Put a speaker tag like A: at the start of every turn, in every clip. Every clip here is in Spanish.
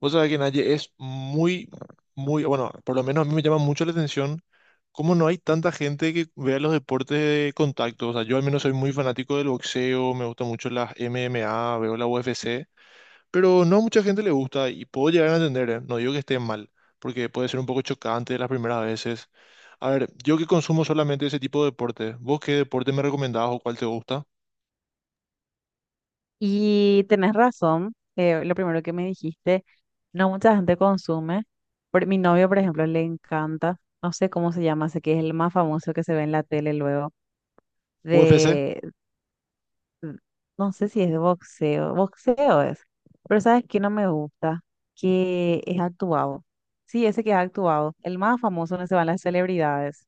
A: Vos sabés que Naye es muy, muy, bueno, por lo menos a mí me llama mucho la atención cómo no hay tanta gente que vea los deportes de contacto. O sea, yo al menos soy muy fanático del boxeo, me gusta mucho las MMA, veo la UFC, pero no a mucha gente le gusta y puedo llegar a entender, ¿eh? No digo que esté mal, porque puede ser un poco chocante las primeras veces. A ver, yo que consumo solamente ese tipo de deportes, ¿vos qué deporte me recomendabas o cuál te gusta?
B: Y tenés razón, lo primero que me dijiste, no mucha gente consume. Mi novio, por ejemplo, le encanta, no sé cómo se llama, sé que es el más famoso que se ve en la tele luego,
A: ¿UFC?
B: de, de- no sé si es de boxeo, boxeo es, pero ¿sabes qué no me gusta? Que es actuado. Sí, ese que es actuado, el más famoso donde se van las celebridades.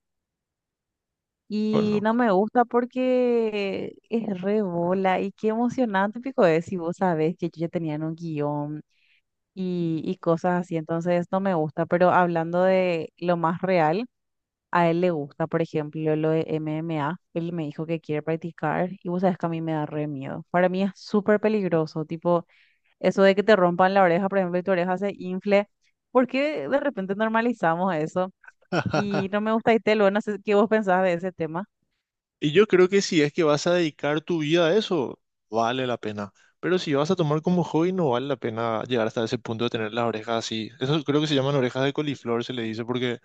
A: Bueno,
B: Y
A: no.
B: no me gusta porque es re bola y qué emocionante, pico, es si vos sabés que yo ya tenía un guión. Y cosas así, entonces no me gusta, pero hablando de lo más real, a él le gusta, por ejemplo, lo de MMA, él me dijo que quiere practicar y vos sabes que a mí me da re miedo, para mí es súper peligroso, tipo eso de que te rompan la oreja, por ejemplo, y tu oreja se infle. ¿Por qué de repente normalizamos eso? Y no me gusta y te lo, no sé qué vos pensás de ese tema,
A: Y yo creo que si es que vas a dedicar tu vida a eso, vale la pena. Pero si vas a tomar como hobby, no vale la pena llegar hasta ese punto de tener las orejas así. Eso creo que se llaman orejas de coliflor, se le dice, porque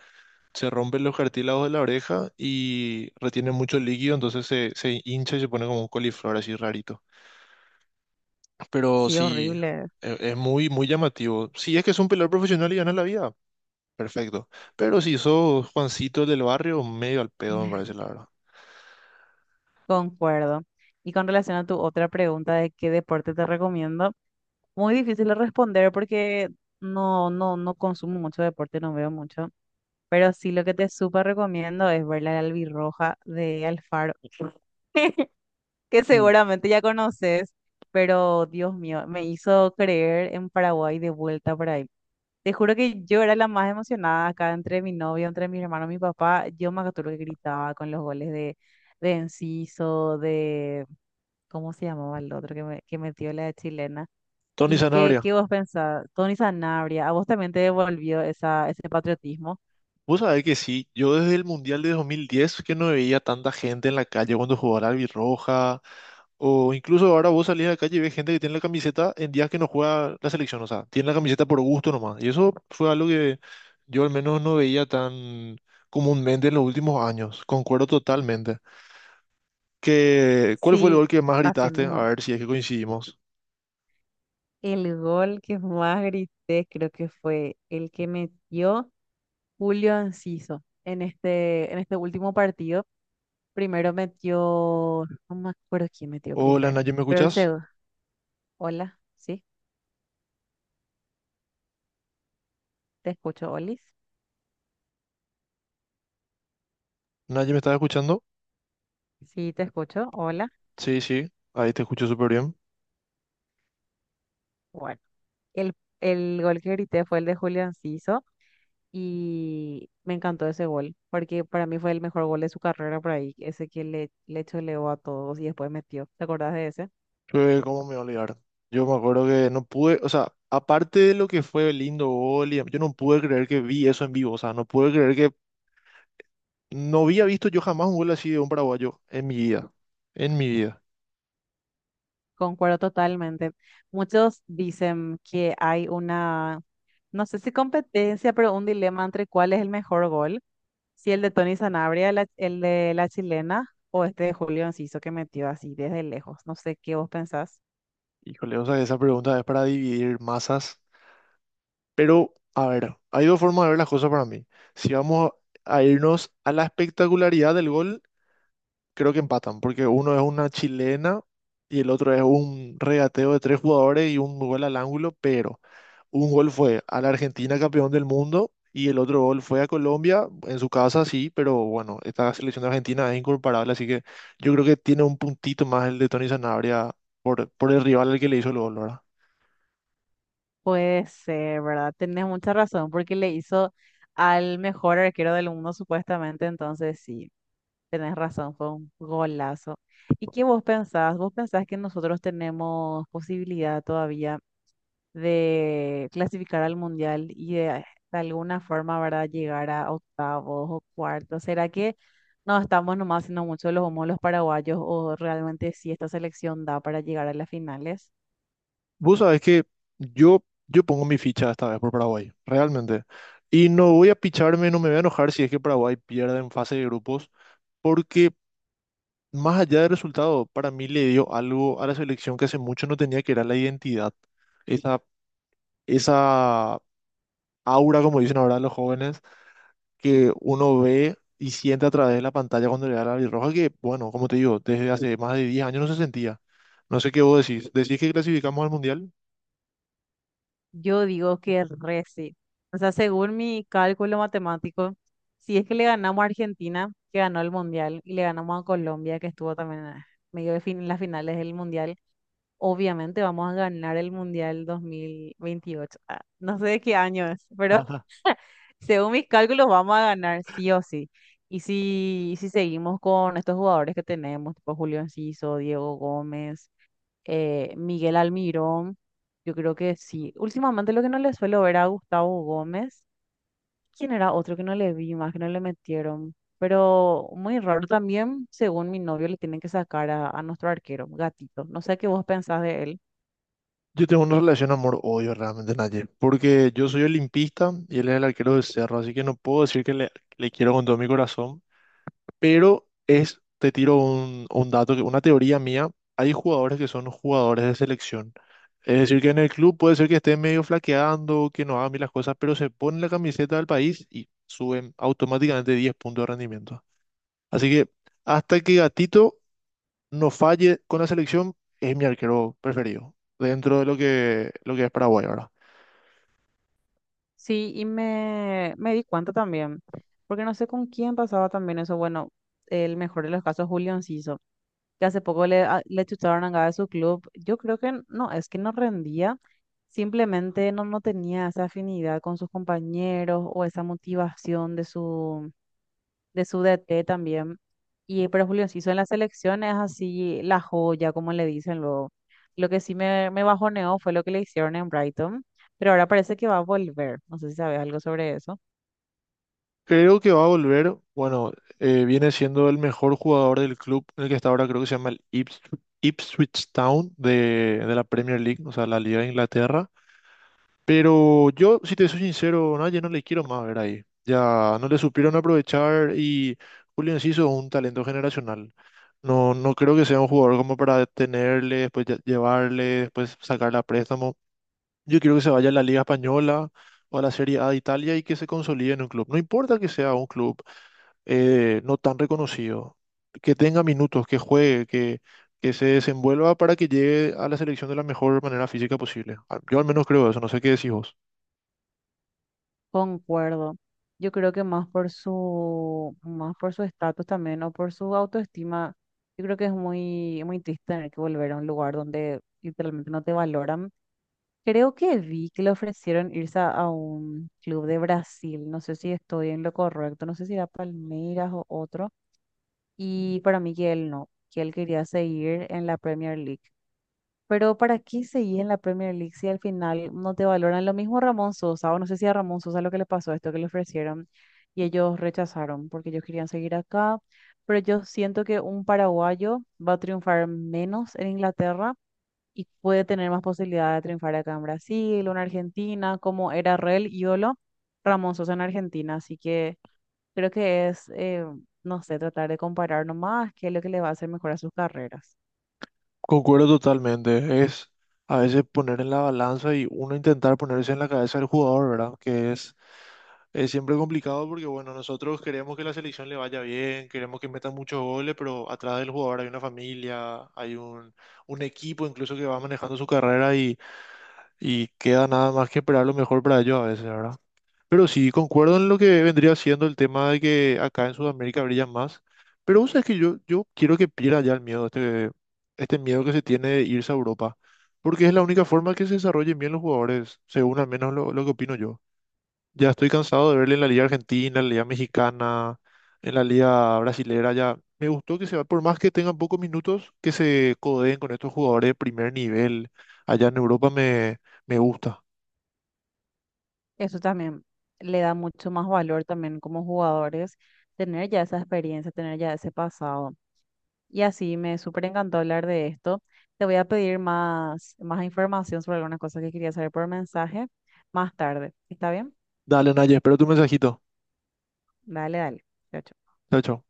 A: se rompen los cartílagos de la oreja y retiene mucho líquido, entonces se hincha y se pone como un coliflor así rarito. Pero
B: sí,
A: sí,
B: horrible.
A: es muy, muy llamativo. Si es que es un peleador profesional y ganas la vida, perfecto. Pero si sos Juancito del barrio, medio al pedo, me parece la verdad.
B: Concuerdo. Y con relación a tu otra pregunta de qué deporte te recomiendo, muy difícil de responder porque no consumo mucho deporte, no veo mucho. Pero sí lo que te súper recomiendo es ver la albirroja de Alfaro, que
A: Mm.
B: seguramente ya conoces, pero Dios mío, me hizo creer en Paraguay de vuelta por ahí. Te juro que yo era la más emocionada acá entre mi novio, entre mis hermanos, mi papá. Yo me acuerdo que gritaba con los goles de Enciso, de, ¿cómo se llamaba el otro que, me, que metió la chilena?
A: Tony
B: ¿Y qué,
A: Sanabria,
B: qué vos pensás? Tony Sanabria, ¿a vos también te devolvió esa, ese patriotismo?
A: vos sabés que sí, yo desde el Mundial de 2010 que no veía tanta gente en la calle cuando jugaba la albirroja, o incluso ahora vos salís a la calle y ves gente que tiene la camiseta en días que no juega la selección, o sea, tiene la camiseta por gusto nomás, y eso fue algo que yo al menos no veía tan comúnmente en los últimos años, concuerdo totalmente. Que, ¿cuál fue el
B: Sí,
A: gol que más
B: así
A: gritaste? A
B: mismo.
A: ver si es que coincidimos.
B: El gol que más grité creo que fue el que metió Julio Enciso en este último partido. Primero metió, no me acuerdo quién metió
A: Hola,
B: primero,
A: Naye, ¿me
B: pero el
A: escuchás?
B: segundo. Hola, sí, te escucho, Olis.
A: Nadie me estaba escuchando.
B: Sí, te escucho, hola.
A: Sí, sí, ahí te escucho súper bien.
B: Bueno, el, el gol que grité fue el de Julio Enciso. Y me encantó ese gol, porque para mí fue el mejor gol de su carrera por ahí, ese que le choleó a todos y después metió. ¿Te acordás de ese?
A: ¿Cómo me voy a olvidar? Yo me acuerdo que no pude, o sea, aparte de lo que fue el lindo gol, yo no pude creer que vi eso en vivo, o sea, no pude creer que no había visto yo jamás un gol así de un paraguayo en mi vida, en mi vida.
B: Concuerdo totalmente. Muchos dicen que hay una, no sé si competencia, pero un dilema entre cuál es el mejor gol, si el de Tony Sanabria, el de la chilena, o este de Julio Enciso que metió así desde lejos. No sé qué vos pensás.
A: Híjole, o sea, esa pregunta es para dividir masas, pero a ver, hay dos formas de ver las cosas para mí. Si vamos a irnos a la espectacularidad del gol. Creo que empatan, porque uno es una chilena y el otro es un regateo de tres jugadores y un gol al ángulo, pero un gol fue a la Argentina campeón del mundo y el otro gol fue a Colombia, en su casa sí, pero bueno, esta selección de Argentina es incomparable, así que yo creo que tiene un puntito más el de Tony Sanabria por el rival al que le hizo el gol, ¿verdad?
B: Puede ser, ¿verdad? Tenés mucha razón, porque le hizo al mejor arquero del mundo, supuestamente. Entonces, sí, tenés razón, fue un golazo. ¿Y qué vos pensás? ¿Vos pensás que nosotros tenemos posibilidad todavía de clasificar al mundial y de alguna forma, ¿verdad?, llegar a octavos o cuartos? ¿Será que no estamos nomás haciendo mucho los humos los paraguayos o realmente sí esta selección da para llegar a las finales?
A: Vos sabés que yo, yo pongo mi ficha esta vez por Paraguay, realmente. Y no voy a picharme, no me voy a enojar si es que Paraguay pierde en fase de grupos, porque, más allá del resultado, para mí le dio algo a la selección que hace mucho no tenía, que era la identidad. Esa, esa aura, como dicen ahora los jóvenes, que uno ve y siente a través de la pantalla cuando le da la roja que, bueno, como te digo, desde hace más de 10 años no se sentía. No sé qué vos decís. ¿Decís que clasificamos al Mundial?
B: Yo digo que re sí. O sea, según mi cálculo matemático, si es que le ganamos a Argentina, que ganó el Mundial, y le ganamos a Colombia, que estuvo también en medio de fin en las finales del Mundial, obviamente vamos a ganar el Mundial 2028. Ah, no sé de qué año es, pero según mis cálculos vamos a ganar sí o sí. Y si seguimos con estos jugadores que tenemos, tipo Julio Enciso, Diego Gómez, Miguel Almirón, yo creo que sí. Últimamente lo que no le suelo ver a Gustavo Gómez, ¿quién era otro que no le vi más, que no le metieron? Pero muy raro también, según mi novio, le tienen que sacar a nuestro arquero, Gatito. No sé qué vos pensás de él.
A: Yo tengo una relación amor-odio realmente, Naye, porque yo soy olimpista y él es el arquero de Cerro, así que no puedo decir que le quiero con todo mi corazón. Pero es, te tiro un dato, una teoría mía. Hay jugadores que son jugadores de selección. Es decir, que en el club puede ser que esté medio flaqueando, que no hagan bien las cosas, pero se ponen la camiseta del país y suben automáticamente 10 puntos de rendimiento. Así que hasta que Gatito no falle con la selección, es mi arquero preferido, dentro de lo que es Paraguay ahora.
B: Sí, y me di cuenta también, porque no sé con quién pasaba también eso. Bueno, el mejor de los casos, Julio Enciso, que hace poco le, le chutaron a Gaga de su club. Yo creo que no, es que no rendía, simplemente no, no tenía esa afinidad con sus compañeros o esa motivación de su DT también. Y pero Julio Enciso en la selección es así la joya, como le dicen luego. Lo que sí me bajoneó fue lo que le hicieron en Brighton, pero ahora parece que va a volver. No sé si sabes algo sobre eso.
A: Creo que va a volver, bueno, viene siendo el mejor jugador del club en el que está ahora, creo que se llama el Ipswich Town de la Premier League, o sea, la Liga de Inglaterra. Pero yo, si te soy sincero, no, ya no le quiero más ver ahí. Ya no le supieron aprovechar, y Julio Enciso es un talento generacional. No, no creo que sea un jugador como para detenerle, después llevarle, después sacarle a préstamo. Yo quiero que se vaya a la Liga Española o a la Serie A de Italia y que se consolide en un club. No importa que sea un club no tan reconocido, que tenga minutos, que juegue, que se desenvuelva para que llegue a la selección de la mejor manera física posible. Yo al menos creo eso, no sé qué decís vos.
B: Concuerdo. Yo creo que más por su estatus también o por su autoestima, yo creo que es muy, muy triste tener que volver a un lugar donde literalmente no te valoran. Creo que vi que le ofrecieron irse a un club de Brasil. No sé si estoy en lo correcto. No sé si era Palmeiras o otro. Y para mí que él no, que él quería seguir en la Premier League. Pero ¿para qué seguir en la Premier League si al final no te valoran? Lo mismo Ramón Sosa, o no sé si a Ramón Sosa lo que le pasó, esto que le ofrecieron y ellos rechazaron porque ellos querían seguir acá. Pero yo siento que un paraguayo va a triunfar menos en Inglaterra y puede tener más posibilidad de triunfar acá en Brasil o en Argentina, como era re el ídolo Ramón Sosa en Argentina. Así que creo que es, no sé, tratar de comparar nomás qué es lo que le va a hacer mejor a sus carreras.
A: Concuerdo totalmente, es a veces poner en la balanza y uno intentar ponerse en la cabeza del jugador, ¿verdad? Que es... Es siempre complicado porque, bueno, nosotros queremos que la selección le vaya bien, queremos que meta muchos goles, pero atrás del jugador hay una familia, hay un equipo incluso que va manejando su carrera y queda nada más que esperar lo mejor para ellos a veces, ¿verdad? Pero sí, concuerdo en lo que vendría siendo el tema de que acá en Sudamérica brillan más. Pero vos sabés que yo quiero que pierda ya el miedo, este miedo que se tiene de irse a Europa, porque es la única forma que se desarrollen bien los jugadores, según al menos lo que opino yo. Ya estoy cansado de verle en la Liga Argentina, en la Liga Mexicana, en la Liga Brasilera. Ya me gustó que se va, por más que tengan pocos minutos, que se codeen con estos jugadores de primer nivel. Allá en Europa me gusta.
B: Eso también le da mucho más valor también como jugadores, tener ya esa experiencia, tener ya ese pasado. Y así me súper encantó hablar de esto. Te voy a pedir más, más información sobre algunas cosas que quería saber por mensaje más tarde. ¿Está bien?
A: Dale, Naye, espero tu mensajito.
B: Dale, dale. Chao, chao.
A: Chao, chao.